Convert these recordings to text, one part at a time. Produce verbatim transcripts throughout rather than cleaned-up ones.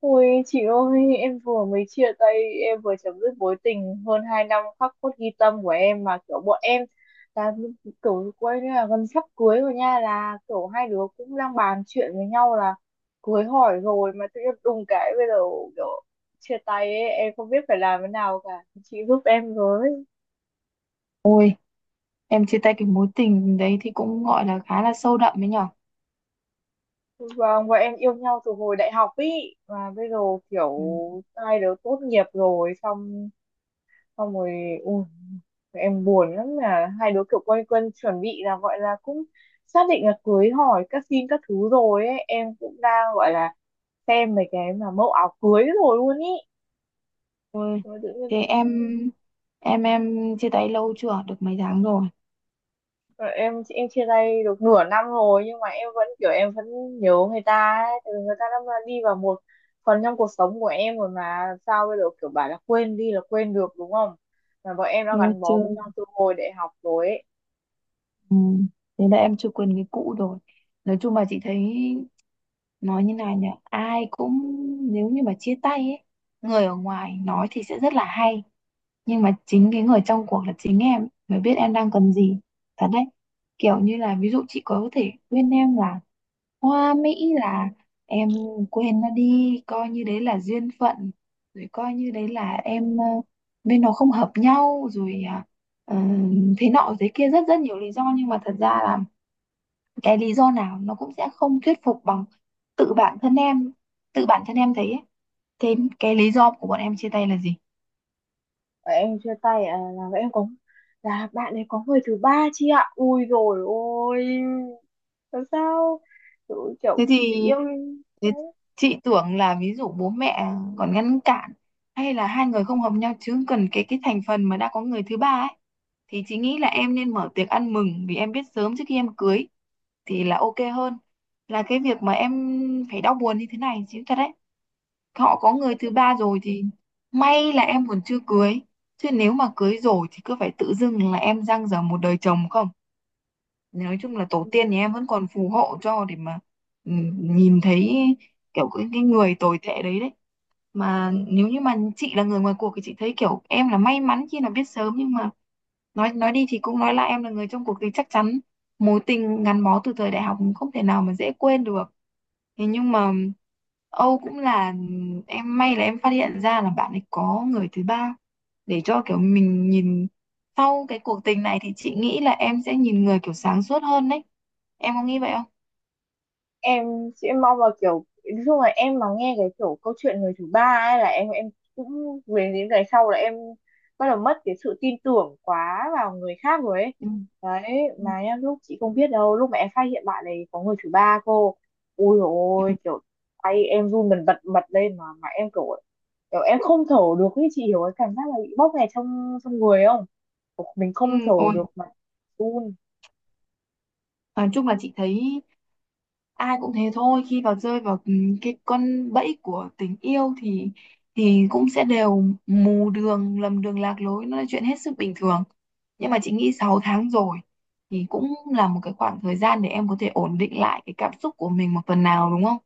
Ôi chị ơi, em vừa mới chia tay, em vừa chấm dứt mối tình hơn hai năm khắc cốt ghi tâm của em, mà kiểu bọn em là kiểu quay là gần sắp cưới rồi nha, là kiểu hai đứa cũng đang bàn chuyện với nhau là cưới hỏi rồi, mà tự nhiên đùng cái bây giờ kiểu chia tay ấy, em không biết phải làm thế nào cả. Chị giúp em với. Ôi, em chia tay cái mối tình đấy thì cũng gọi là khá là sâu đậm đấy nhở. Vâng, bọn em yêu nhau từ hồi đại học ý, mà bây giờ kiểu Ừ. hai đứa tốt nghiệp rồi, xong xong rồi, ui, em buồn lắm, là hai đứa kiểu quay quần chuẩn bị là gọi là cũng xác định là cưới hỏi các xin các thứ rồi ấy, em cũng đang gọi là xem mấy cái mà mẫu áo cưới rồi luôn ý. Ôi, Rồi tự nhiên thế em em em chia tay lâu chưa? Được mấy tháng rồi. rồi em em chia tay được nửa năm rồi, nhưng mà em vẫn kiểu em vẫn nhớ người ta ấy, tại vì người ta đã đi vào một phần trong cuộc sống của em rồi, mà sao bây giờ kiểu bảo là quên đi là quên được đúng không, mà bọn em đã Nó gắn chưa. bó với nhau từ hồi đại học rồi ấy. Ừ. Thế là em chưa quên cái cũ rồi. Nói chung là chị thấy nói như này nhỉ, ai cũng nếu như mà chia tay ấy, người ở ngoài nói thì sẽ rất là hay, nhưng mà chính cái người trong cuộc là chính em ấy mới biết em đang cần gì. Thật đấy. Kiểu như là ví dụ chị có thể khuyên em là Hoa Mỹ là em quên nó đi, coi như đấy là duyên phận, rồi coi như đấy là em, ờ, bên nó không hợp nhau rồi à, ờ, thế nọ thế kia, rất rất nhiều lý do, nhưng mà thật ra là cái lý do nào nó cũng sẽ không thuyết phục bằng tự bản thân em tự bản thân em thấy ấy. Thế cái lý do của bọn em chia tay là gì? Và em chia tay à, là em có là bạn ấy có người thứ ba chị ạ, ui rồi ôi làm sao, kiểu, thế kiểu thì yêu. thế chị tưởng là ví dụ bố mẹ còn ngăn cản, hay là hai người không hợp nhau, chứ cần cái cái thành phần mà đã có người thứ ba ấy, thì chị nghĩ là em nên mở tiệc ăn mừng, vì em biết sớm trước khi em cưới thì là ok hơn là cái việc mà em phải đau buồn như thế này, chứ thật đấy. Họ có người thứ ba rồi thì may là em còn chưa cưới, chứ nếu mà cưới rồi thì cứ phải tự dưng là em dang dở một đời chồng không. Nói chung là tổ tiên nhà em vẫn còn phù hộ cho để mà, ừ, nhìn thấy kiểu cái, cái người tồi tệ đấy đấy. Mà nếu như mà chị là người ngoài cuộc thì chị thấy kiểu em là may mắn khi là biết sớm, nhưng mà nói nói đi thì cũng nói là em là người trong cuộc thì chắc chắn mối tình gắn bó từ thời đại học không thể nào mà dễ quên được. Thế nhưng mà âu cũng là em may là em phát hiện ra là bạn ấy có người thứ ba, để cho kiểu mình nhìn sau cái cuộc tình này, thì chị nghĩ là em sẽ nhìn người kiểu sáng suốt hơn đấy. Em có nghĩ vậy không? Em sẽ mong là kiểu nói chung là em mà nghe cái kiểu câu chuyện người thứ ba ấy, là em em cũng về những ngày sau là em bắt đầu mất cái sự tin tưởng quá vào người khác rồi ấy, Ừ. đấy. Ừ. Mà nhá, lúc chị không biết đâu lúc mà em phát hiện bạn này có người thứ ba cô, ui dồi Ừ. ôi kiểu tay em run bần bật bật lên, mà mà em kiểu kiểu em không thở được ấy, chị hiểu cái cảm giác là bị bóp nghẹt trong trong người không? Kiểu mình Ừ. không thở Ôi, được mà run. nói chung là chị thấy ai cũng thế thôi, khi vào rơi vào, ừ, cái con bẫy của tình yêu thì thì cũng sẽ đều mù đường lầm đường lạc lối, nó là chuyện hết sức bình thường. Nhưng mà chị nghĩ sáu tháng rồi thì cũng là một cái khoảng thời gian để em có thể ổn định lại cái cảm xúc của mình một phần nào, đúng không?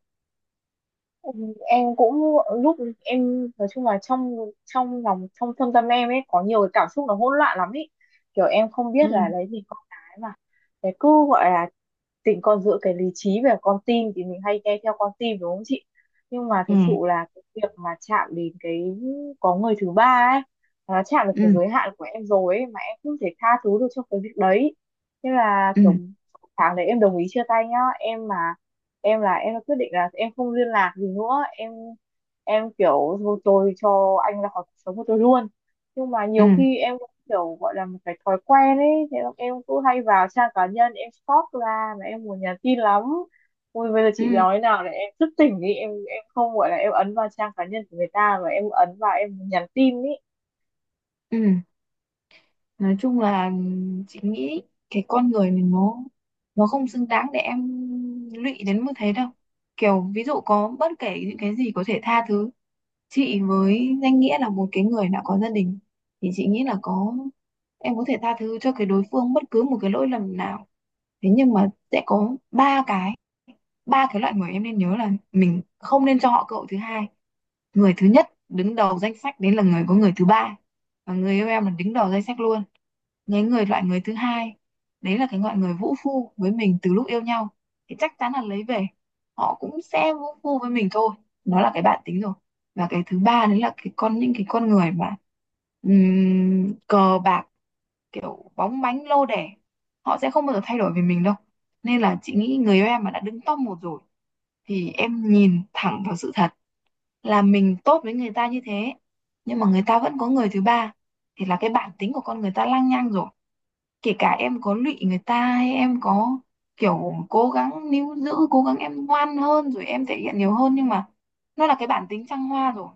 Ừ, em cũng lúc em nói chung là trong trong lòng trong thâm tâm em ấy có nhiều cái cảm xúc nó hỗn loạn lắm ấy, kiểu em không Ừ. biết là đấy vì con cái mà. Thế cứ gọi là tình con giữa cái lý trí và con tim thì mình hay nghe theo con tim đúng không chị, nhưng mà Ừ. thực sự là cái việc mà chạm đến cái có người thứ ba ấy, nó chạm được Ừ. cái giới hạn của em rồi ấy, mà em không thể tha thứ được cho cái việc đấy, nên là Ừ. kiểu tháng đấy em đồng ý chia tay nhá. Em mà em là em đã quyết định là em không liên lạc gì nữa, em em kiểu thôi tôi cho anh ra khỏi cuộc sống của tôi luôn, nhưng mà Ừ. nhiều khi em kiểu gọi là một cái thói quen ấy, thế là em cứ hay vào trang cá nhân em stalk ra mà em muốn nhắn tin lắm, ui bây giờ Ừ. chị nói nào là em thức tỉnh đi, em em không gọi là em ấn vào trang cá nhân của người ta, mà em ấn vào em muốn nhắn tin ý. Ừ. Nói chung là chị nghĩ cái con người mình nó nó không xứng đáng để em lụy đến mức thế đâu. Kiểu ví dụ có bất kể những cái gì có thể tha thứ, chị với danh nghĩa là một cái người đã có gia đình thì chị nghĩ là có em có thể tha thứ cho cái đối phương bất cứ một cái lỗi lầm nào. Thế nhưng mà sẽ có ba cái ba cái loại người em nên nhớ là mình không nên cho họ cơ hội thứ hai. Người thứ nhất đứng đầu danh sách đấy là người có người thứ ba, và người yêu em là đứng đầu danh sách luôn. Những người Loại người thứ hai, đấy là cái loại người vũ phu với mình từ lúc yêu nhau, thì chắc chắn là lấy về họ cũng sẽ vũ phu với mình thôi. Đó là cái bản tính rồi. Và cái thứ ba đấy là cái con những cái con người mà, ừm, cờ bạc, kiểu bóng bánh lô đề, họ sẽ không bao giờ thay đổi về mình đâu. Nên là chị nghĩ người yêu em mà đã đứng top một rồi, thì em nhìn thẳng vào sự thật là mình tốt với người ta như thế, nhưng mà người ta vẫn có người thứ ba, thì là cái bản tính của con người ta lăng nhăng rồi. Kể cả em có lụy người ta hay em có kiểu cố gắng níu giữ, cố gắng em ngoan hơn rồi em thể hiện nhiều hơn, nhưng mà nó là cái bản tính trăng hoa rồi.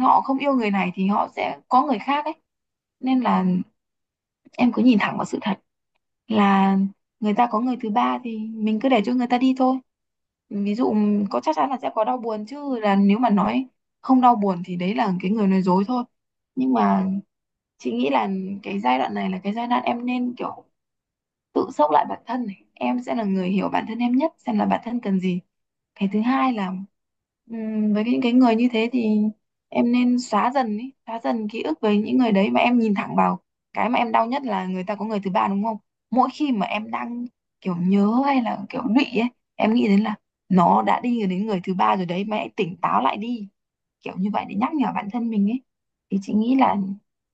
Họ không yêu người này thì họ sẽ có người khác ấy. Nên là em cứ nhìn thẳng vào sự thật là người ta có người thứ ba, thì mình cứ để cho người ta đi thôi. Ví dụ có, chắc chắn là sẽ có đau buồn chứ, là nếu mà nói không đau buồn thì đấy là cái người nói dối thôi. Nhưng mà chị nghĩ là cái giai đoạn này là cái giai đoạn em nên kiểu tự sốc lại bản thân này, em sẽ là người hiểu bản thân em nhất, xem là bản thân cần gì. Cái thứ hai là, ừm, với những cái người như thế thì em nên xóa dần ý, xóa dần ký ức với những người đấy, mà em nhìn thẳng vào cái mà em đau nhất là người ta có người thứ ba, đúng không? Mỗi khi mà em đang kiểu nhớ hay là kiểu lụy ấy, em nghĩ đến là nó đã đi đến người thứ ba rồi đấy, mày hãy tỉnh táo lại đi, kiểu như vậy để nhắc nhở bản thân mình ấy, thì chị nghĩ là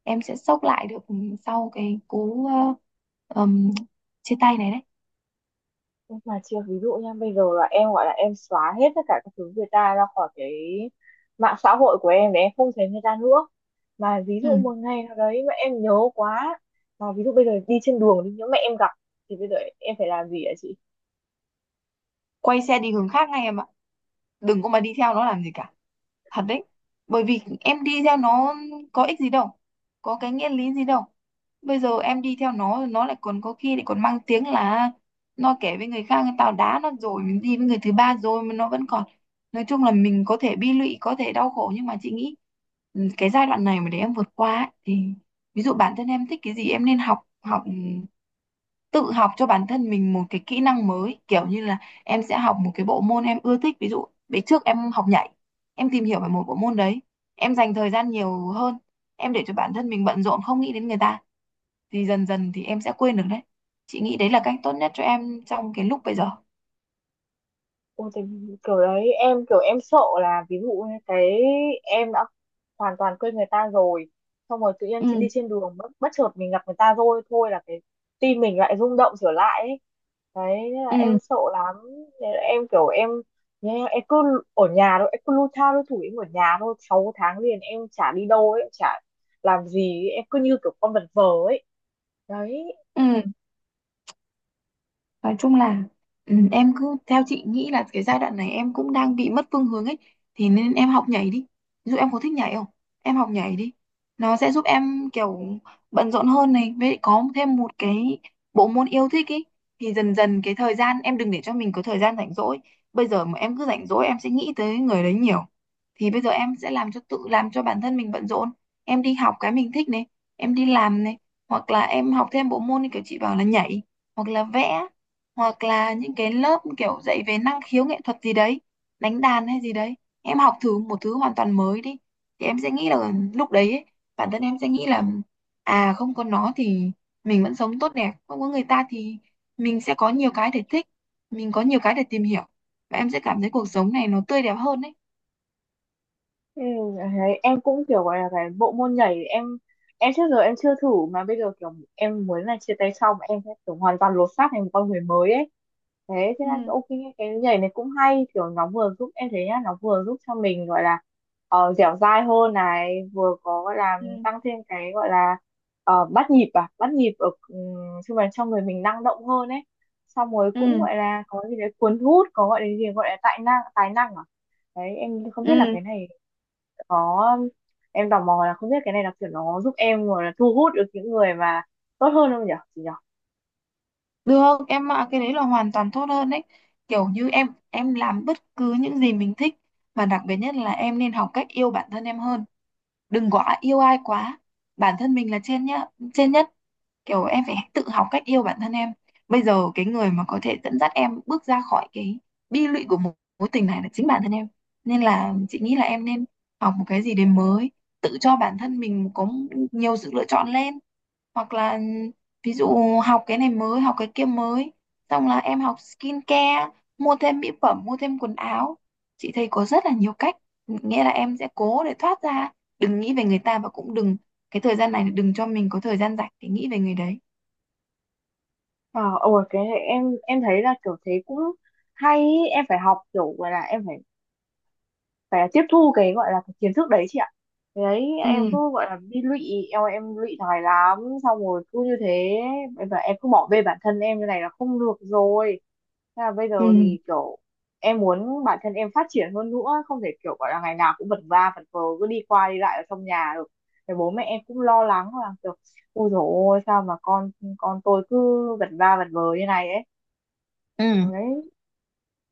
em sẽ xốc lại được sau cái cú, ờ, ừm, chia tay này đấy. Nhưng mà chưa, ví dụ nha bây giờ là em gọi là em xóa hết tất cả các thứ người ta ra khỏi cái mạng xã hội của em để em không thấy người ta nữa, mà ví dụ một Ừ. ngày nào đấy mà em nhớ quá, mà ví dụ bây giờ đi trên đường đi nhớ mẹ em gặp, thì bây giờ em phải làm gì ạ chị? Quay xe đi hướng khác ngay em ạ. Đừng có mà đi theo nó làm gì cả. Thật đấy. Bởi vì em đi theo nó có ích gì đâu, có cái nghĩa lý gì đâu. Bây giờ em đi theo nó nó lại còn có khi lại còn mang tiếng là nó kể với người khác tao đá nó rồi mình đi với người thứ ba rồi mà nó vẫn còn. Nói chung là mình có thể bi lụy, có thể đau khổ, nhưng mà chị nghĩ, ừ, cái giai đoạn này mà để em vượt qua ấy, thì ví dụ bản thân em thích cái gì, em nên học học, ừ, tự học cho bản thân mình một cái kỹ năng mới, kiểu như là em sẽ học một cái bộ môn em ưa thích. Ví dụ bữa trước em học nhảy, em tìm hiểu về một bộ môn đấy, em dành thời gian nhiều hơn, em để cho bản thân mình bận rộn không nghĩ đến người ta, thì dần dần thì em sẽ quên được đấy. Chị nghĩ đấy là cách tốt nhất cho em trong cái lúc bây giờ. Ôi, thì kiểu đấy em kiểu em sợ là ví dụ như cái em đã hoàn toàn quên người ta rồi, xong rồi tự nhiên Ừ. chị đi trên đường bất, bất chợt mình gặp người ta rồi thôi, là cái tim mình lại rung động trở lại ấy, đấy nên là Ừ. em sợ lắm, nên là em kiểu em nhé, em cứ ở nhà thôi, em cứ lu tha lu thủi em ở nhà thôi, sáu tháng liền em chả đi đâu ấy, chả làm gì ấy. Em cứ như kiểu con vật vờ ấy, đấy. Ừ. Nói chung là, ừ, em cứ theo chị nghĩ là cái giai đoạn này em cũng đang bị mất phương hướng ấy, thì nên em học nhảy đi. Ví dụ em có thích nhảy không? Em học nhảy đi. Nó sẽ giúp em kiểu bận rộn hơn này, với lại có thêm một cái bộ môn yêu thích ấy, thì dần dần cái thời gian em đừng để cho mình có thời gian rảnh rỗi. Bây giờ mà em cứ rảnh rỗi em sẽ nghĩ tới người đấy nhiều. Thì bây giờ em sẽ làm cho tự làm cho bản thân mình bận rộn. Em đi học cái mình thích này, em đi làm này, hoặc là em học thêm bộ môn như kiểu chị bảo là nhảy, hoặc là vẽ, hoặc là những cái lớp kiểu dạy về năng khiếu nghệ thuật gì đấy, đánh đàn hay gì đấy. Em học thử một thứ hoàn toàn mới đi, thì em sẽ nghĩ là lúc đấy ấy, bản thân em sẽ nghĩ là à không có nó thì mình vẫn sống tốt đẹp, không có người ta thì mình sẽ có nhiều cái để thích, mình có nhiều cái để tìm hiểu, và em sẽ cảm thấy cuộc sống này nó tươi đẹp hơn đấy. Ừ, đấy, em cũng kiểu gọi là cái bộ môn nhảy em em trước giờ em chưa thử, mà bây giờ kiểu em muốn là chia tay xong em sẽ kiểu hoàn toàn lột xác thành một con người mới ấy, thế thế là Ừ. ok. Cái nhảy này cũng hay, kiểu nó vừa giúp em thấy nhá, nó vừa giúp cho mình gọi là uh, dẻo dai hơn này, vừa có gọi là Ừ. tăng thêm cái gọi là ờ, bắt nhịp à bắt nhịp ở um, chung là cho người mình năng động hơn ấy, xong rồi cũng Ừ. gọi là có gì đấy cuốn hút, có gọi là gì gọi là tài năng tài năng à, đấy em không biết là Ừ. cái này có, em tò mò là không biết cái này là kiểu nó giúp em rồi là thu hút được những người mà tốt hơn không nhỉ chị nhỉ? Được, em ạ, cái đấy là hoàn toàn tốt hơn đấy. Kiểu như em em làm bất cứ những gì mình thích, và đặc biệt nhất là em nên học cách yêu bản thân em hơn. Đừng quá yêu ai quá. Bản thân mình là trên nhá, trên nhất. Kiểu em phải tự học cách yêu bản thân em. Bây giờ cái người mà có thể dẫn dắt em bước ra khỏi cái bi lụy của một mối tình này là chính bản thân em. Nên là chị nghĩ là em nên học một cái gì đấy mới, tự cho bản thân mình có nhiều sự lựa chọn lên, hoặc là ví dụ học cái này mới, học cái kia mới, xong là em học skincare, mua thêm mỹ phẩm, mua thêm quần áo. Chị thấy có rất là nhiều cách, nghĩa là em sẽ cố để thoát ra, đừng nghĩ về người ta, và cũng đừng, cái thời gian này đừng cho mình có thời gian rảnh để nghĩ về người đấy. Ờ ôi cái này em em thấy là kiểu thế cũng hay ý. Em phải học kiểu gọi là em phải phải tiếp thu cái gọi là cái kiến thức đấy chị ạ. Thế đấy em Ừ. cứ gọi là bị lụy, em em lụy thói lắm, xong rồi cứ như thế, và em cứ bỏ bê bản thân em như này là không được rồi. Thế là bây giờ Ừ. thì kiểu em muốn bản thân em phát triển hơn nữa, không thể kiểu gọi là ngày nào cũng vật va vật vờ cứ đi qua đi lại ở trong nhà được, thì bố mẹ em cũng lo lắng là kiểu ôi dồi ôi sao mà con con tôi cứ vật va vật vờ như này ấy, Ừ. đấy.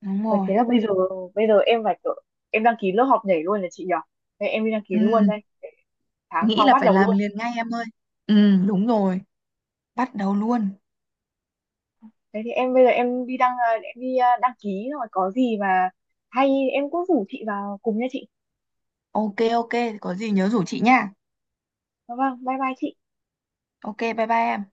Đúng Và rồi. thế là bây giờ bây giờ em phải kiểu, em đăng ký lớp học nhảy luôn là chị nhỉ? Thế em đi đăng ký Ừ. luôn đây, tháng Nghĩ sau là bắt phải đầu làm luôn. liền ngay em ơi. Ừ, đúng rồi. Bắt đầu luôn. Thế thì em bây giờ em đi đăng à, em đi à, đăng ký rồi có gì mà hay em cũng rủ chị vào cùng nha chị. Ok, ok, có gì nhớ rủ chị nha. Vâng, bye bye chị. Ok, bye bye em.